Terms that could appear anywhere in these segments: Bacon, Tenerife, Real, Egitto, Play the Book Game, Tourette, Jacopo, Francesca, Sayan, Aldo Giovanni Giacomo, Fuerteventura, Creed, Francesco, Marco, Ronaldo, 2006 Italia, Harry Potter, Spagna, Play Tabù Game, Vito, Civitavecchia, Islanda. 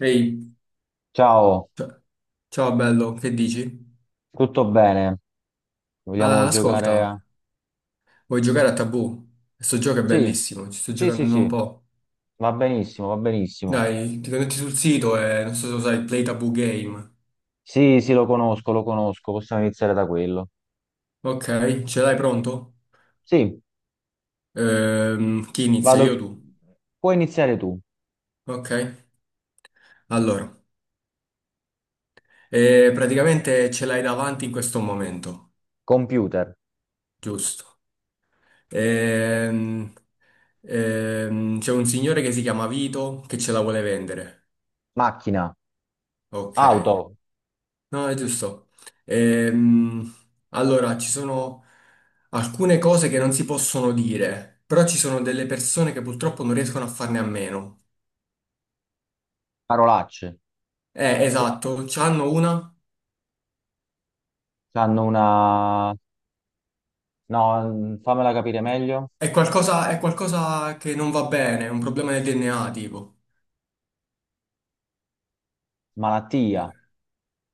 Ehi, Ciao, c- ciao bello, che dici? tutto bene? Vogliamo Ah, giocare a. ascolta, vuoi giocare a Tabù? Questo gioco è Sì, bellissimo, ci sto sì, sì, giocando da un sì, po'. va benissimo, va benissimo. Dai, ti connetti sul sito e non so se lo sai, Play Tabù Game. Sì, sì, lo conosco, possiamo iniziare da quello. Ok, ce l'hai pronto? Sì, Chi inizia, io o vado. tu? Puoi iniziare tu. Ok, allora, praticamente ce l'hai davanti in questo momento, Computer, giusto? Ehm, c'è un signore che si chiama Vito che ce la vuole vendere. macchina, Ok. auto, No, è giusto. Ehm, allora, ci sono alcune cose che non si possono dire, però ci sono delle persone che purtroppo non riescono a farne a meno. parolacce. Esatto, c'hanno una. Hanno una. No, fammela capire meglio. È qualcosa che non va bene, è un problema del DNA, tipo. Malattia,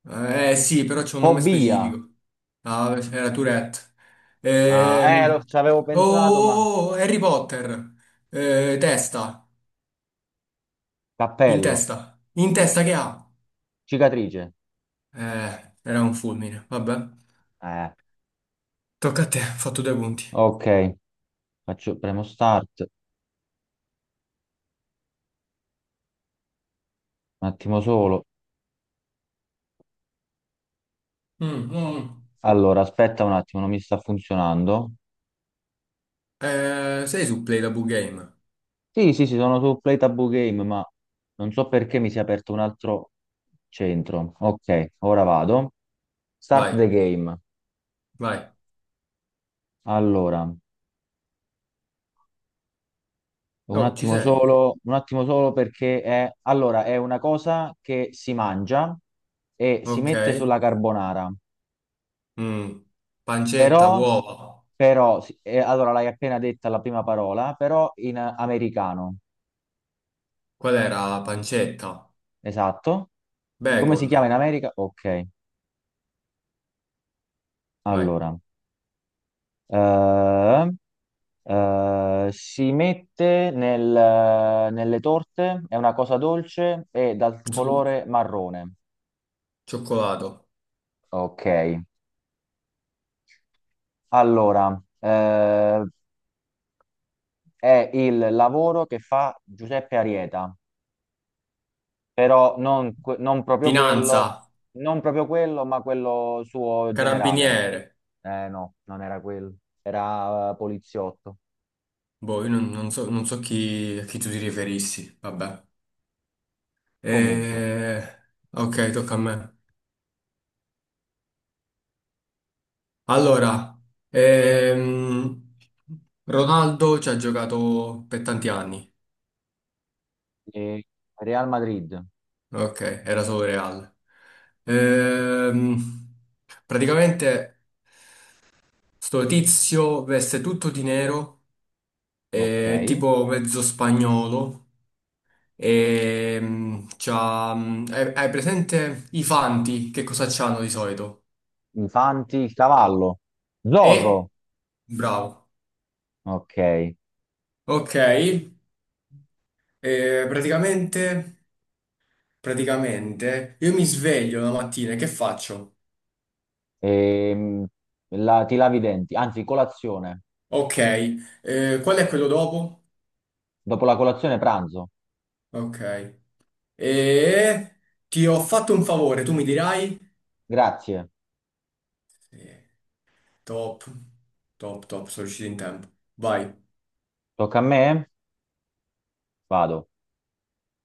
Sì, però c'è un nome fobia. specifico. Ah, era Tourette. Ah, ci Oh, avevo pensato, ma. oh, oh, Harry Potter. Testa. In Cappello, testa. In testa che ha? cicatrice. Era un fulmine, vabbè. Eh, Tocca a te, ho fatto due punti. ok. Faccio, premo start, un attimo solo. Mm, mm. Allora, aspetta un attimo, non mi sta funzionando. Sei su Play the Book Game. Sì, sì, sì, sono su Play Taboo Game, ma non so perché mi si è aperto un altro centro. Ok, ora vado. Start Vai, the game. vai. Allora, Oh, ci sei. Un attimo solo perché è. Allora, è una cosa che si mangia e si Ok. mette sulla carbonara. Mm. Pancetta, Però, uova. però, sì, allora l'hai appena detta la prima parola, però in americano. Qual era la pancetta? Esatto. Come si chiama Bacon. in America? Ok, Vai. allora, eh, si mette nelle torte, è una cosa dolce e dal Zu, colore marrone. cioccolato. Ok, allora, è il lavoro che fa Giuseppe Arieta, però non, non proprio quello, Finanza. non proprio quello, ma quello suo generale. Carabiniere. Eh no, non era quello, era poliziotto. Boh, io non so, non so chi, a chi tu ti riferissi. Vabbè. Comunque, Eh, ok, tocca a me. Allora, ehm, Ronaldo ci ha giocato per tanti anni, eh, Real Madrid, ok, era solo Real. Ehm, praticamente sto tizio veste tutto di nero, ok. è tipo mezzo spagnolo, e c'ha, hai presente i fanti, che cosa c'hanno di solito? Infanti, il cavallo. E, Zorro, bravo, ok. ok, eh, praticamente... Praticamente io mi sveglio la mattina e che faccio? Ehm, ti lavi i denti, anzi, colazione. Ok, qual è quello dopo? Dopo la colazione, pranzo. Ok, e ti ho fatto un favore, tu mi dirai? Grazie. Sì. Top, top, top, sono riuscito in tempo. Vai, Tocca a me? Vado.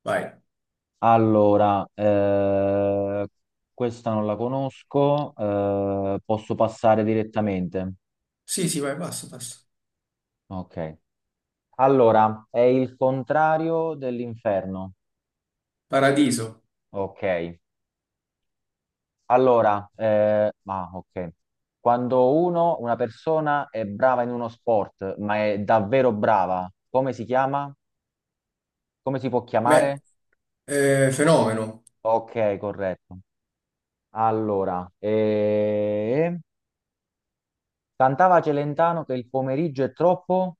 vai. Allora, questa non la conosco, posso passare direttamente. Sì, sì, vai, basta, basta. Ok. Allora, è il contrario dell'inferno. Paradiso, Ok. Allora, ma ok. Quando uno, una persona è brava in uno sport, ma è davvero brava, come si chiama? Come si può me, chiamare? Fenomeno, Ok, corretto. Allora, cantava Celentano che il pomeriggio è troppo.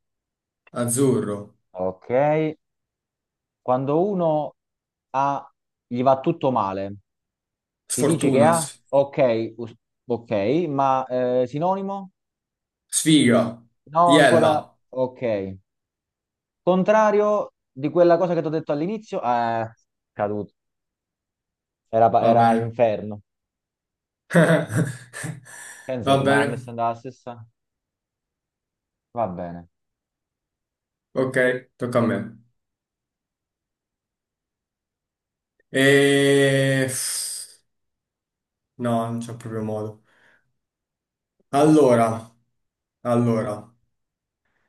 azzurro, Ok. Quando uno ha, gli va tutto male, si dice che sfortuna, ha? Ok, ok, ma sinonimo? sfiga, No, iella, ancora ok. Contrario di quella cosa che ti ho detto all'inizio, caduto. Era, pa- va era bene. inferno. Pensa Va tu, ma a me sta bene, andando la stessa? Va bene. ok, tocca a me. E... No, non c'è proprio modo. Allora, allora,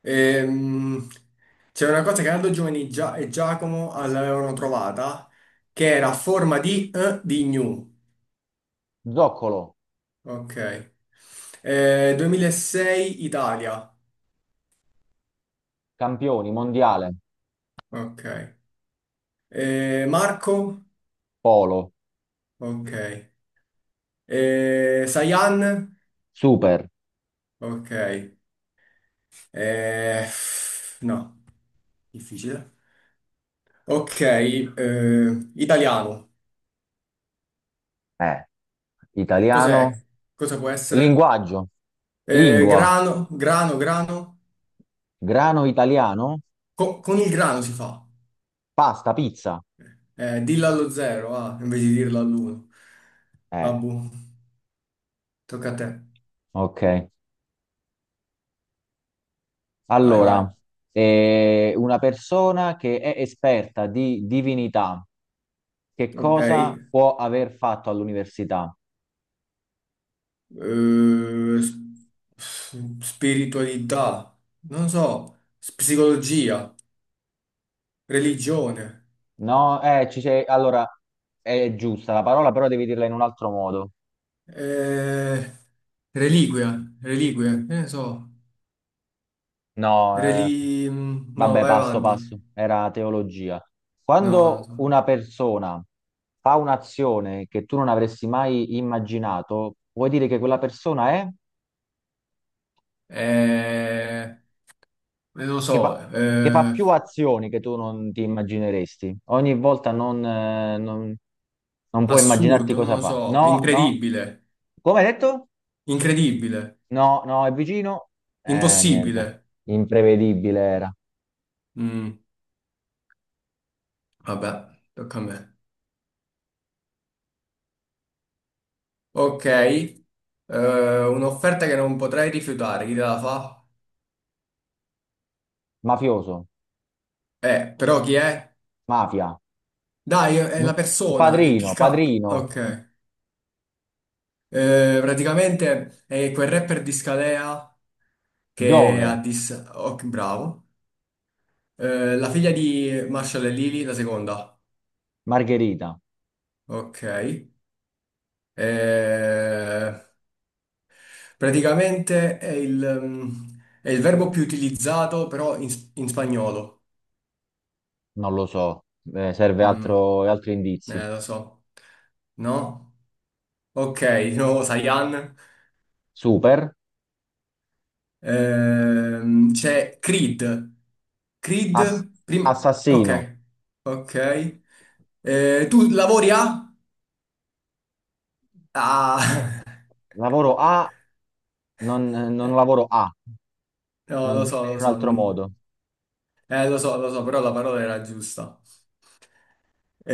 ehm, c'è una cosa che Aldo Giovanni e Giacomo l'avevano trovata, che era a forma di gnu. Zoccolo, Ok. 2006 Italia. campioni, mondiale, Ok. Marco? polo, Ok. Sayan? super, Ok. Eh, no, difficile. Ok, italiano. eh, italiano, Cos'è? Cosa può essere? linguaggio, lingua, Grano, grano, grano. grano italiano, Con il grano si fa. pasta, pizza. Dillo allo zero, ah, invece di dirlo all'uno. Eh, Vabbù, tocca a te. ok. Vai, vai. Allora, una persona che è esperta di divinità, che Ok. cosa può aver fatto all'università? s- spiritualità. Non so. Psicologia. Religione. No, ci sei. Allora, è giusta la parola, però devi dirla in un altro modo. Eh, reliquia. Reliquie. Che ne so. No, No, vabbè, vai passo avanti. passo, era teologia. No, non Quando so. una persona fa un'azione che tu non avresti mai immaginato, vuoi dire che quella persona è? Eh... non lo che so, fa, che fa più azioni che tu non ti immagineresti. Ogni volta non puoi immaginarti assurdo, non cosa lo fa. so, No, no. incredibile, Come hai detto? incredibile, No, no, è vicino. Niente. impossibile. Imprevedibile era. Mm, vabbè, tocca a me. Ok, un'offerta che non potrei rifiutare, chi te la fa? Mafioso, Però chi è? mafia, Dai, è la M- persona, il padrino, PK. padrino, Ok, praticamente è quel rapper di Scalea che ha Giove, dis... Ok, bravo. La figlia di Marshall e Lily, la seconda. Margherita. Ok. Eh, praticamente è il verbo più utilizzato però in spagnolo. Non lo so. Serve Mm, altro, altri indizi. Lo so. No? Ok, di nuovo Sayan. Super, C'è Creed. Ass- Creed, prima... assassino, Ok, ok. Tu lavori a? Ah, lavoro A, non lavoro A. no, Non lo so, dimmi in lo un so. altro modo. Lo so, lo so, però la parola era giusta.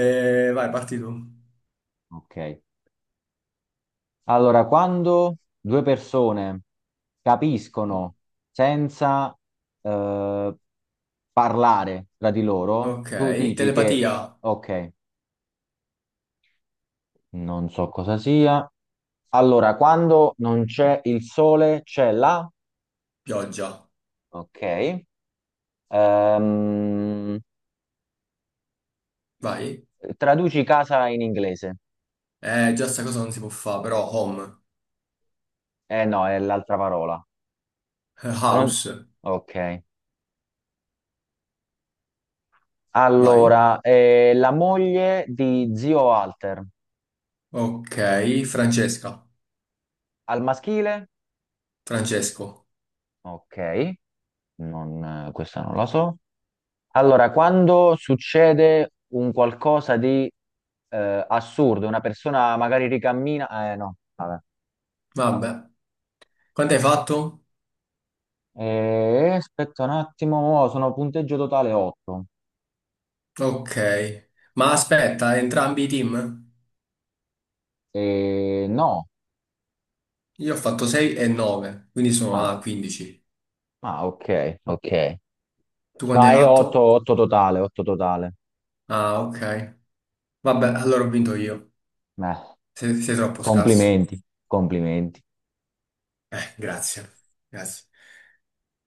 Vai, parti tu. Ok. Allora, quando due persone capiscono senza eh, parlare tra di loro, Ok, tu dici che, telepatia, ok, non so cosa sia. Allora, quando non c'è il sole, c'è la. pioggia. Ok. Ehm, Vai. traduci casa in inglese. Già sta cosa non si può fare, però home, Eh no, è l'altra parola. Non- house, Ok. vai. Allora, la moglie di zio Walter, Ok, Francesca, al maschile? Francesco. Ok, questa non la so. Allora, quando succede un qualcosa di assurdo, una persona magari ricammina. No, vabbè. Vabbè. Quanto hai fatto? Aspetta un attimo, mo sono punteggio totale 8. Ok. Ma aspetta, entrambi i team? No. Io ho fatto 6 e 9, quindi sono Ah, a 15. ah, ok, ok. Tu No, quanto hai è 8, fatto? 8 totale, 8 totale. Ah, ok. Vabbè, allora ho vinto io. Beh, Sei troppo scarso. complimenti, complimenti. Grazie. Grazie.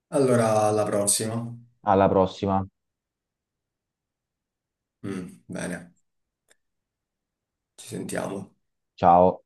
Allora, alla prossima. Alla prossima. Bene, ci sentiamo. Ciao.